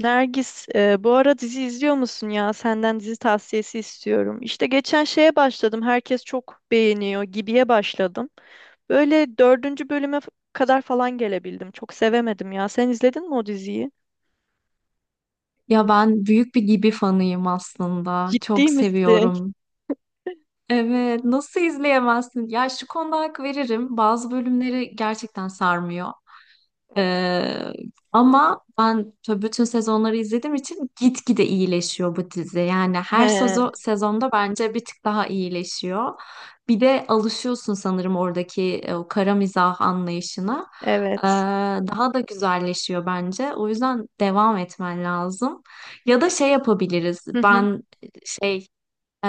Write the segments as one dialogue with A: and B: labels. A: Nergis, bu ara dizi izliyor musun ya? Senden dizi tavsiyesi istiyorum. İşte geçen şeye başladım. Herkes çok beğeniyor gibiye başladım. Böyle dördüncü bölüme kadar falan gelebildim. Çok sevemedim ya. Sen izledin mi o diziyi?
B: Ya ben büyük bir Gibi fanıyım aslında.
A: Ciddi
B: Çok
A: misin?
B: seviyorum. Evet, nasıl izleyemezsin? Ya şu konuda hak veririm. Bazı bölümleri gerçekten sarmıyor, ee, ama ben tabii bütün sezonları izlediğim için gitgide iyileşiyor bu dizi. Yani
A: He,
B: her sezonda bence bir tık daha iyileşiyor. Bir de alışıyorsun sanırım oradaki o kara mizah anlayışına. Ee,
A: evet.
B: daha da güzelleşiyor bence. O yüzden devam etmen lazım. Ya da şey yapabiliriz.
A: Hı hı,
B: Şey e,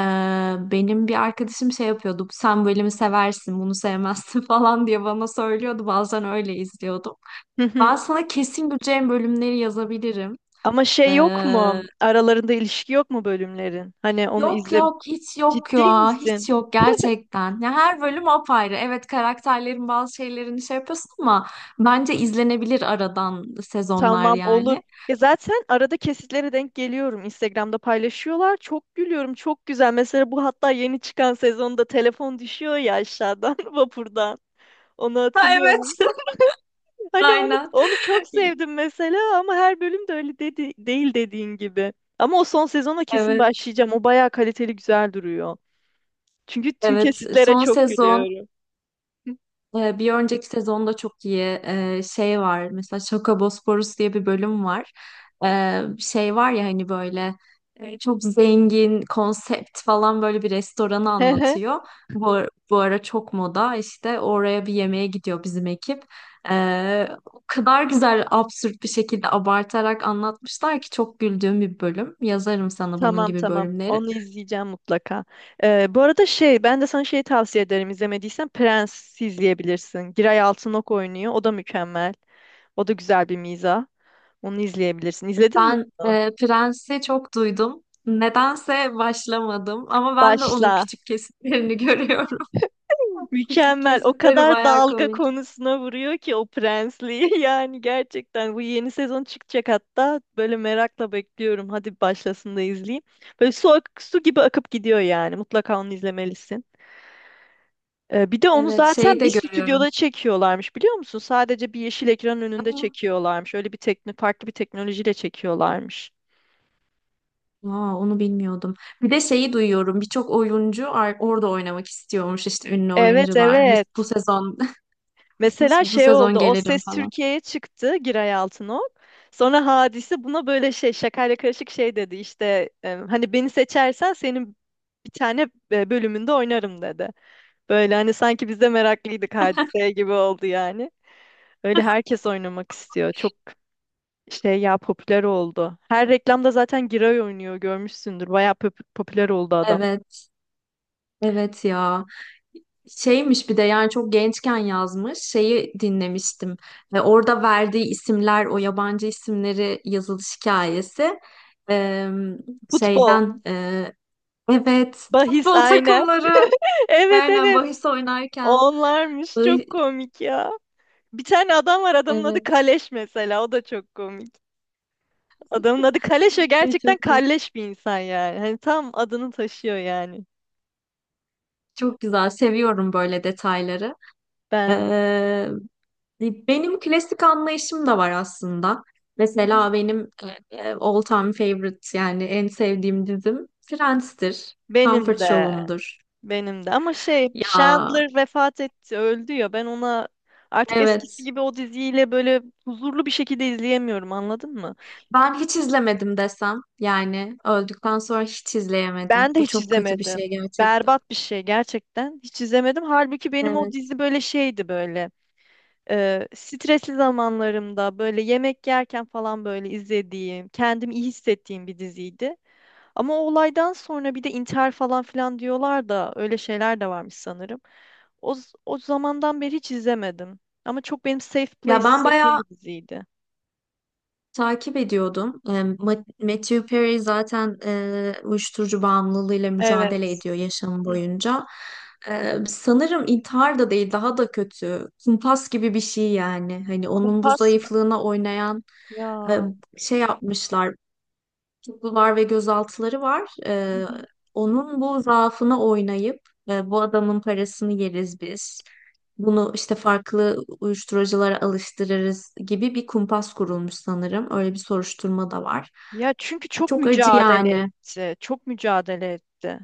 B: benim bir arkadaşım şey yapıyordu. Sen bu bölümü seversin, bunu sevmezsin falan diye bana söylüyordu. Bazen öyle izliyordum.
A: hı hı.
B: Ben sana kesin güleceğin bölümleri yazabilirim.
A: Ama şey yok
B: Ee,
A: mu? Aralarında ilişki yok mu bölümlerin? Hani onu
B: yok
A: izle.
B: yok, hiç yok
A: Ciddi
B: ya, hiç
A: misin?
B: yok gerçekten. Ya her bölüm apayrı. Evet, karakterlerin bazı şeylerini şey yapıyorsun ama bence izlenebilir aradan sezonlar,
A: Tamam olur.
B: yani.
A: Ya zaten arada kesitlere denk geliyorum. Instagram'da paylaşıyorlar. Çok gülüyorum. Çok güzel. Mesela bu hatta yeni çıkan sezonda telefon düşüyor ya aşağıdan vapurdan. Onu
B: Ha,
A: hatırlıyor
B: evet.
A: musun? Hani onu
B: Aynen.
A: onu çok sevdim mesela ama her bölüm de öyle dedi, değil dediğin gibi. Ama o son sezona kesin
B: Evet,
A: başlayacağım. O bayağı kaliteli güzel duruyor. Çünkü tüm
B: evet,
A: kesitlere
B: son
A: çok
B: sezon.
A: gülüyorum. Hı.
B: Bir önceki sezonda çok iyi şey var, mesela Şakobosporus diye bir bölüm var. Şey var ya, hani böyle çok zengin konsept falan, böyle bir restoranı
A: Hı hı.
B: anlatıyor. Bu ara çok moda, işte oraya bir yemeğe gidiyor bizim ekip. Ee, o kadar güzel, absürt bir şekilde abartarak anlatmışlar ki çok güldüğüm bir bölüm. Yazarım sana bunun
A: Tamam
B: gibi
A: tamam.
B: bölümleri.
A: Onu izleyeceğim mutlaka. Bu arada şey ben de sana şey tavsiye ederim izlemediysen Prens izleyebilirsin. Giray Altınok oynuyor. O da mükemmel. O da güzel bir mizah. Onu izleyebilirsin. İzledin mi
B: Ben
A: onu?
B: Prens'i çok duydum. Nedense başlamadım ama ben de onun
A: Başla.
B: küçük kesitlerini görüyorum. Küçük
A: Mükemmel. O
B: kesitleri
A: kadar
B: bayağı
A: dalga
B: komik.
A: konusuna vuruyor ki o prensliği. Yani gerçekten bu yeni sezon çıkacak hatta. Böyle merakla bekliyorum. Hadi başlasın da izleyeyim. Böyle su gibi akıp gidiyor yani. Mutlaka onu izlemelisin. Bir de onu
B: Evet, şeyi
A: zaten
B: de
A: bir
B: görüyorum.
A: stüdyoda çekiyorlarmış biliyor musun? Sadece bir yeşil ekranın önünde
B: Aa,
A: çekiyorlarmış. Öyle bir farklı bir teknolojiyle çekiyorlarmış.
B: aa, onu bilmiyordum. Bir de şeyi duyuyorum. Birçok oyuncu orada oynamak istiyormuş, işte ünlü
A: Evet
B: oyuncular. Biz bu
A: evet.
B: sezon bu,
A: Mesela
B: bu
A: şey
B: sezon
A: oldu. O
B: gelirim
A: Ses
B: falan.
A: Türkiye'ye çıktı Giray Altınok. Sonra Hadise buna böyle şey şakayla karışık şey dedi. İşte hani beni seçersen senin bir tane bölümünde oynarım dedi. Böyle hani sanki biz de meraklıydık Hadise'ye gibi oldu yani. Öyle herkes oynamak istiyor. Çok şey ya popüler oldu. Her reklamda zaten Giray oynuyor görmüşsündür. Bayağı popüler oldu adam.
B: Evet, evet ya. Şeymiş bir de, yani çok gençken yazmış şeyi dinlemiştim ve orada verdiği isimler, o yabancı isimleri yazılış hikayesi. Ee,
A: Futbol,
B: şeyden e, evet,
A: bahis
B: futbol
A: aynen.
B: takımları,
A: Evet
B: aynen
A: evet.
B: bahis oynarken.
A: Onlarmış çok
B: Bahi-
A: komik ya. Bir tane adam var adamın adı
B: evet.
A: Kaleş mesela o da çok komik. Adamın adı Kaleş ve
B: Ve
A: gerçekten
B: çok
A: kalleş bir insan yani. Hani tam adını taşıyor yani.
B: çok güzel, seviyorum böyle detayları.
A: Ben de.
B: Hani benim klasik anlayışım da var aslında.
A: Hı hı.
B: Mesela benim all time favorite, yani en sevdiğim dizim Friends'tir.
A: Benim
B: Comfort
A: de.
B: Show'umdur.
A: Benim de. Ama şey
B: Ya,
A: Chandler vefat etti öldü ya ben ona artık eskisi
B: evet.
A: gibi o diziyle böyle huzurlu bir şekilde izleyemiyorum anladın mı?
B: Ben hiç izlemedim desem, yani öldükten sonra hiç izleyemedim.
A: Ben de
B: Bu
A: hiç
B: çok kötü bir şey
A: izlemedim.
B: gerçekten.
A: Berbat bir şey gerçekten. Hiç izlemedim. Halbuki benim o
B: Evet.
A: dizi böyle şeydi böyle. Stresli zamanlarımda böyle yemek yerken falan böyle izlediğim, kendimi iyi hissettiğim bir diziydi. Ama o olaydan sonra bir de intihar falan filan diyorlar da öyle şeyler de varmış sanırım. O zamandan beri hiç izlemedim. Ama çok benim safe place
B: Ya ben
A: hissettiğim
B: bayağı
A: bir diziydi.
B: takip ediyordum. Matthew Perry zaten uyuşturucu bağımlılığıyla mücadele
A: Evet.
B: ediyor yaşamı
A: Hı.
B: boyunca. Sanırım intihar da değil, daha da kötü. Kumpas gibi bir şey, yani. Hani onun bu
A: Kumpas mı?
B: zayıflığına oynayan e,
A: Ya.
B: şey yapmışlar, tutuklular ve gözaltıları var.
A: Hı
B: Ee,
A: hı.
B: onun bu zaafını oynayıp, bu adamın parasını yeriz biz. Bunu işte farklı uyuşturuculara alıştırırız gibi bir kumpas kurulmuş sanırım. Öyle bir soruşturma da var.
A: Ya çünkü çok
B: Çok acı,
A: mücadele
B: yani.
A: etti. Çok mücadele etti.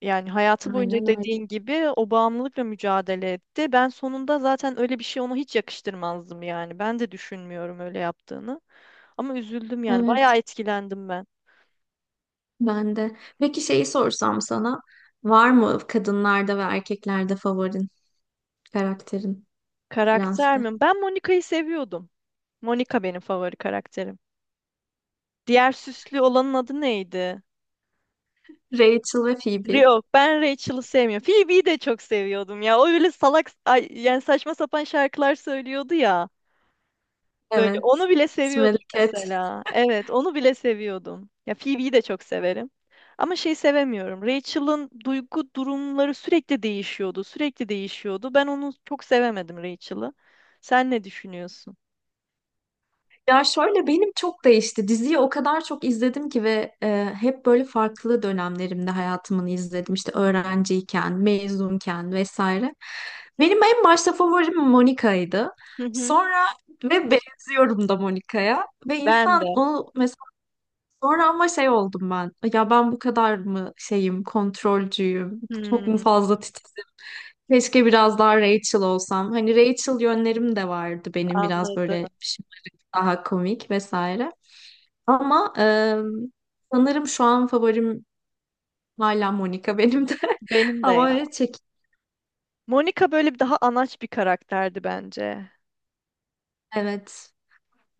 A: Yani hayatı boyunca
B: Aynen öyle.
A: dediğin gibi o bağımlılıkla mücadele etti. Ben sonunda zaten öyle bir şey ona hiç yakıştırmazdım yani. Ben de düşünmüyorum öyle yaptığını. Ama üzüldüm yani. Bayağı
B: Evet,
A: etkilendim ben.
B: ben de. Peki şeyi sorsam sana, var mı kadınlarda ve erkeklerde favorin, karakterin?
A: Karakter
B: Friends'te?
A: mi? Ben Monica'yı seviyordum. Monica benim favori karakterim. Diğer süslü olanın adı neydi?
B: Rachel ve Phoebe.
A: Rio. Ben Rachel'ı sevmiyorum. Phoebe'yi de çok seviyordum ya. O öyle salak, ay, yani saçma sapan şarkılar söylüyordu ya. Böyle
B: Evet.
A: onu bile
B: Smelly
A: seviyordum
B: Cat.
A: mesela. Evet, onu bile seviyordum. Ya Phoebe'yi de çok severim. Ama şey sevemiyorum. Rachel'ın duygu durumları sürekli değişiyordu. Ben onu çok sevemedim Rachel'ı. Sen ne düşünüyorsun?
B: Ya şöyle, benim çok değişti. Diziyi o kadar çok izledim ki ve hep böyle farklı dönemlerimde hayatımını izledim. İşte öğrenciyken, mezunken vesaire. Benim en başta favorim Monica'ydı.
A: Hı hı.
B: Sonra ve benziyorum da Monica'ya. Ve
A: Ben
B: insan
A: de.
B: onu mesela sonra ama şey oldum ben. Ya ben bu kadar mı şeyim, kontrolcüyüm, çok mu
A: Hmm,
B: fazla titizim? Keşke biraz daha Rachel olsam. Hani Rachel yönlerim de vardı benim, biraz
A: anladım.
B: böyle daha komik vesaire. Ama sanırım şu an favorim hala Monica, benim de.
A: Benim de
B: Ama
A: ya.
B: öyle çek.
A: Monica böyle bir daha anaç bir karakterdi bence.
B: Evet.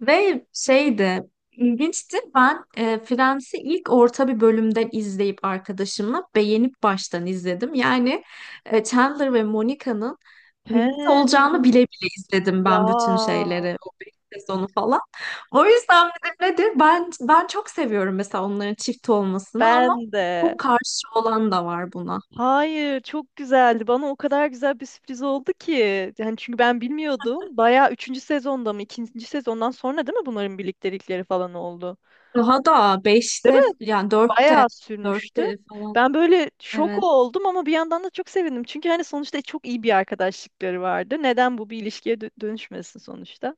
B: Ve şeydi, ilginçti. Ben Friends'i ilk orta bir bölümden izleyip arkadaşımla beğenip baştan izledim. Yani Chandler ve Monica'nın birlikte
A: He.
B: olacağını bile bile izledim
A: Ya
B: ben bütün şeyleri. O beş sezonu falan. O yüzden dedim, nedir? Ben çok seviyorum mesela onların çift olmasını ama
A: ben de.
B: bu karşı olan da var buna.
A: Hayır, çok güzeldi. Bana o kadar güzel bir sürpriz oldu ki. Yani çünkü ben bilmiyordum. Bayağı üçüncü sezonda mı, ikinci sezondan sonra değil mi bunların birliktelikleri falan oldu?
B: Daha da
A: Değil mi?
B: beşte, yani dörtte,
A: Bayağı sürmüştü.
B: dörtte falan.
A: Ben böyle şok
B: Evet.
A: oldum ama bir yandan da çok sevindim. Çünkü hani sonuçta çok iyi bir arkadaşlıkları vardı. Neden bu bir ilişkiye dönüşmesin sonuçta?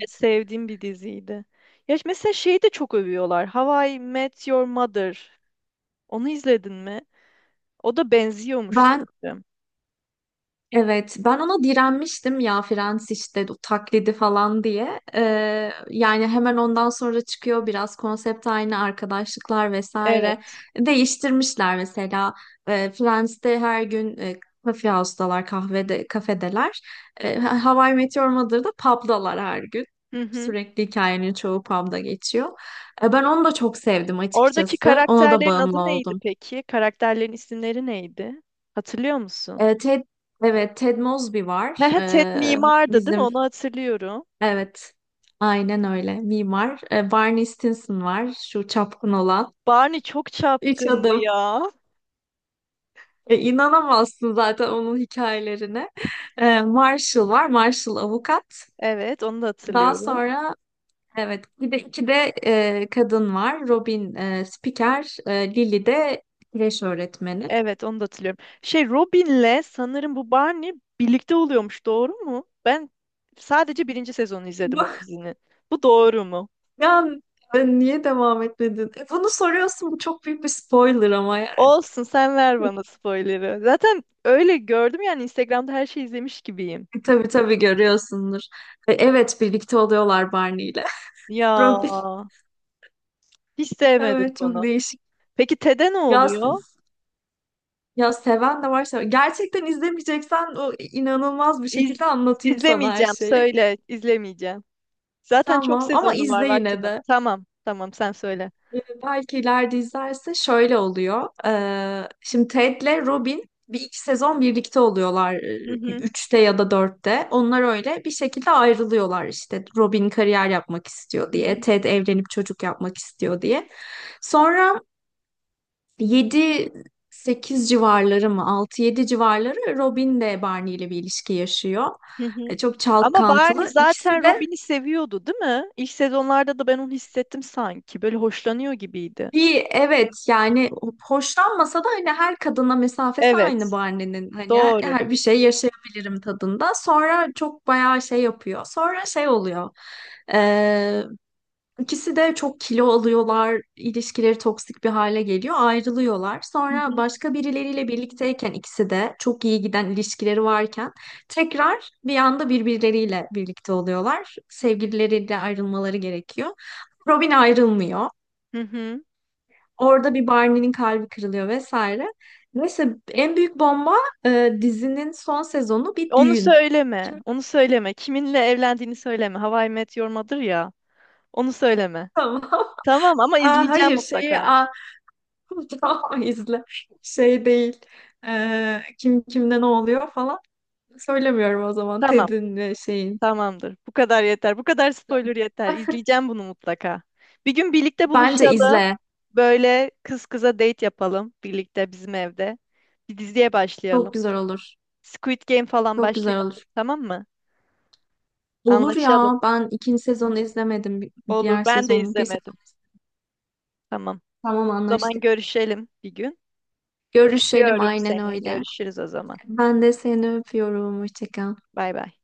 A: Sevdiğim bir diziydi. Ya mesela şeyi de çok övüyorlar. How I Met Your Mother. Onu izledin mi? O da benziyormuş
B: Ben
A: sanırım.
B: Evet, ben ona direnmiştim ya, Frens işte o taklidi falan diye. Yani hemen ondan sonra çıkıyor, biraz konsept aynı, arkadaşlıklar vesaire.
A: Evet.
B: Değiştirmişler mesela. Friends'te her gün kafe house'dalar, kahvede, kafedeler. How I Met Mother'da pub'dalar her gün.
A: Hı hı.
B: Sürekli hikayenin çoğu pub'da geçiyor. Ben onu da çok sevdim
A: Oradaki
B: açıkçası. Ona da
A: karakterlerin adı
B: bağımlı
A: neydi
B: oldum.
A: peki? Karakterlerin isimleri neydi? Hatırlıyor musun?
B: Ee, Ted, evet, Ted Mosby var.
A: He Ted mimardı değil mi?
B: Bizim
A: Onu hatırlıyorum.
B: Evet. Aynen öyle. Mimar. Barney Stinson var. Şu çapkın olan.
A: Barney çok
B: Üç
A: çapkındı
B: adım.
A: ya.
B: E, inanamazsın zaten onun hikayelerine. Marshall var. Marshall avukat.
A: Evet, onu da
B: Daha
A: hatırlıyorum.
B: sonra, evet, bir de, iki de kadın var. Robin spiker. Lily de kreş öğretmeni.
A: Evet, onu da hatırlıyorum. Şey Robin'le sanırım bu Barney birlikte oluyormuş, doğru mu? Ben sadece birinci sezonu izledim o
B: Bu-
A: dizinin. Bu doğru mu?
B: Ya niye devam etmedin? Bunu soruyorsun. Bu çok büyük bir spoiler ama, yani.
A: Olsun, sen ver bana spoiler'ı. Zaten öyle gördüm yani Instagram'da her şeyi izlemiş gibiyim.
B: Tabii tabii görüyorsundur. Evet, birlikte oluyorlar Barney ile.
A: Ya
B: Profil.
A: hiç sevmedim
B: Evet, çok
A: bunu.
B: değişik.
A: Peki TED'e ne
B: Ya,
A: oluyor?
B: s- ya seven de var, seven. Gerçekten izlemeyeceksen o inanılmaz bir
A: İz,
B: şekilde anlatayım sana her
A: izlemeyeceğim.
B: şeyi.
A: Söyle, izlemeyeceğim. Zaten çok
B: Tamam, ama
A: sezonu var,
B: izle
A: vaktim
B: yine
A: yok.
B: de.
A: Tamam, tamam sen söyle.
B: Belki ileride izlerse şöyle oluyor. Şimdi Ted'le Robin bir iki sezon birlikte oluyorlar.
A: Hı hı,
B: Üçte ya da dörtte. Onlar öyle bir şekilde ayrılıyorlar işte. Robin kariyer yapmak istiyor
A: hı
B: diye.
A: hı,
B: Ted evlenip çocuk yapmak istiyor diye. Sonra Yedi, sekiz civarları mı, Altı, yedi civarları, Robin de Barney ile bir ilişki yaşıyor.
A: hı hı.
B: Çok
A: Ama Barney
B: çalkantılı. İkisi
A: zaten
B: de
A: Robin'i seviyordu, değil mi? İlk sezonlarda da ben onu hissettim sanki. Böyle hoşlanıyor gibiydi.
B: bir, evet, yani hoşlanmasa da hani her kadına mesafesi aynı
A: Evet,
B: Barney'nin. Hani her
A: doğru.
B: her bir şey yaşayabilirim tadında. Sonra çok bayağı şey yapıyor. Sonra şey oluyor. İkisi de çok kilo alıyorlar, ilişkileri toksik bir hale geliyor, ayrılıyorlar.
A: Hı
B: Sonra
A: hı.
B: başka birileriyle birlikteyken, ikisi de çok iyi giden ilişkileri varken, tekrar bir anda birbirleriyle birlikte oluyorlar. Sevgilileriyle ayrılmaları gerekiyor. Robin ayrılmıyor.
A: Hı hı.
B: Orada bir Barney'nin kalbi kırılıyor vesaire. Neyse, en büyük bomba, dizinin son sezonu bir
A: Onu
B: düğün.
A: söyleme,
B: Şimdi
A: onu söyleme. Kiminle evlendiğini söyleme. How I Met Your Mother ya. Onu söyleme.
B: tamam.
A: Tamam ama
B: Aa,
A: izleyeceğim
B: hayır, şeyi
A: mutlaka.
B: tamam, izle. Şey değil. Kim kimde ne oluyor falan. Söylemiyorum o zaman.
A: Tamam.
B: Ted'in ve şeyin.
A: Tamamdır. Bu kadar yeter. Bu kadar spoiler
B: Tamam.
A: yeter. İzleyeceğim bunu mutlaka. Bir gün birlikte
B: Bence
A: buluşalım.
B: izle.
A: Böyle kız kıza date yapalım birlikte bizim evde. Bir diziye
B: Çok
A: başlayalım.
B: güzel olur.
A: Squid Game falan
B: Çok güzel
A: başlayalım.
B: olur.
A: Tamam mı?
B: Olur
A: Anlaşalım.
B: ya. Ben ikinci sezonu izlemedim.
A: Olur.
B: Diğer
A: Ben de
B: sezonu. Bir sezon.
A: izlemedim. Tamam.
B: Tamam,
A: O zaman
B: anlaştık.
A: görüşelim bir gün.
B: Görüşelim,
A: Öpüyorum
B: aynen
A: seni.
B: öyle.
A: Görüşürüz o zaman.
B: Ben de seni öpüyorum. Hoşça kal.
A: Bay bay.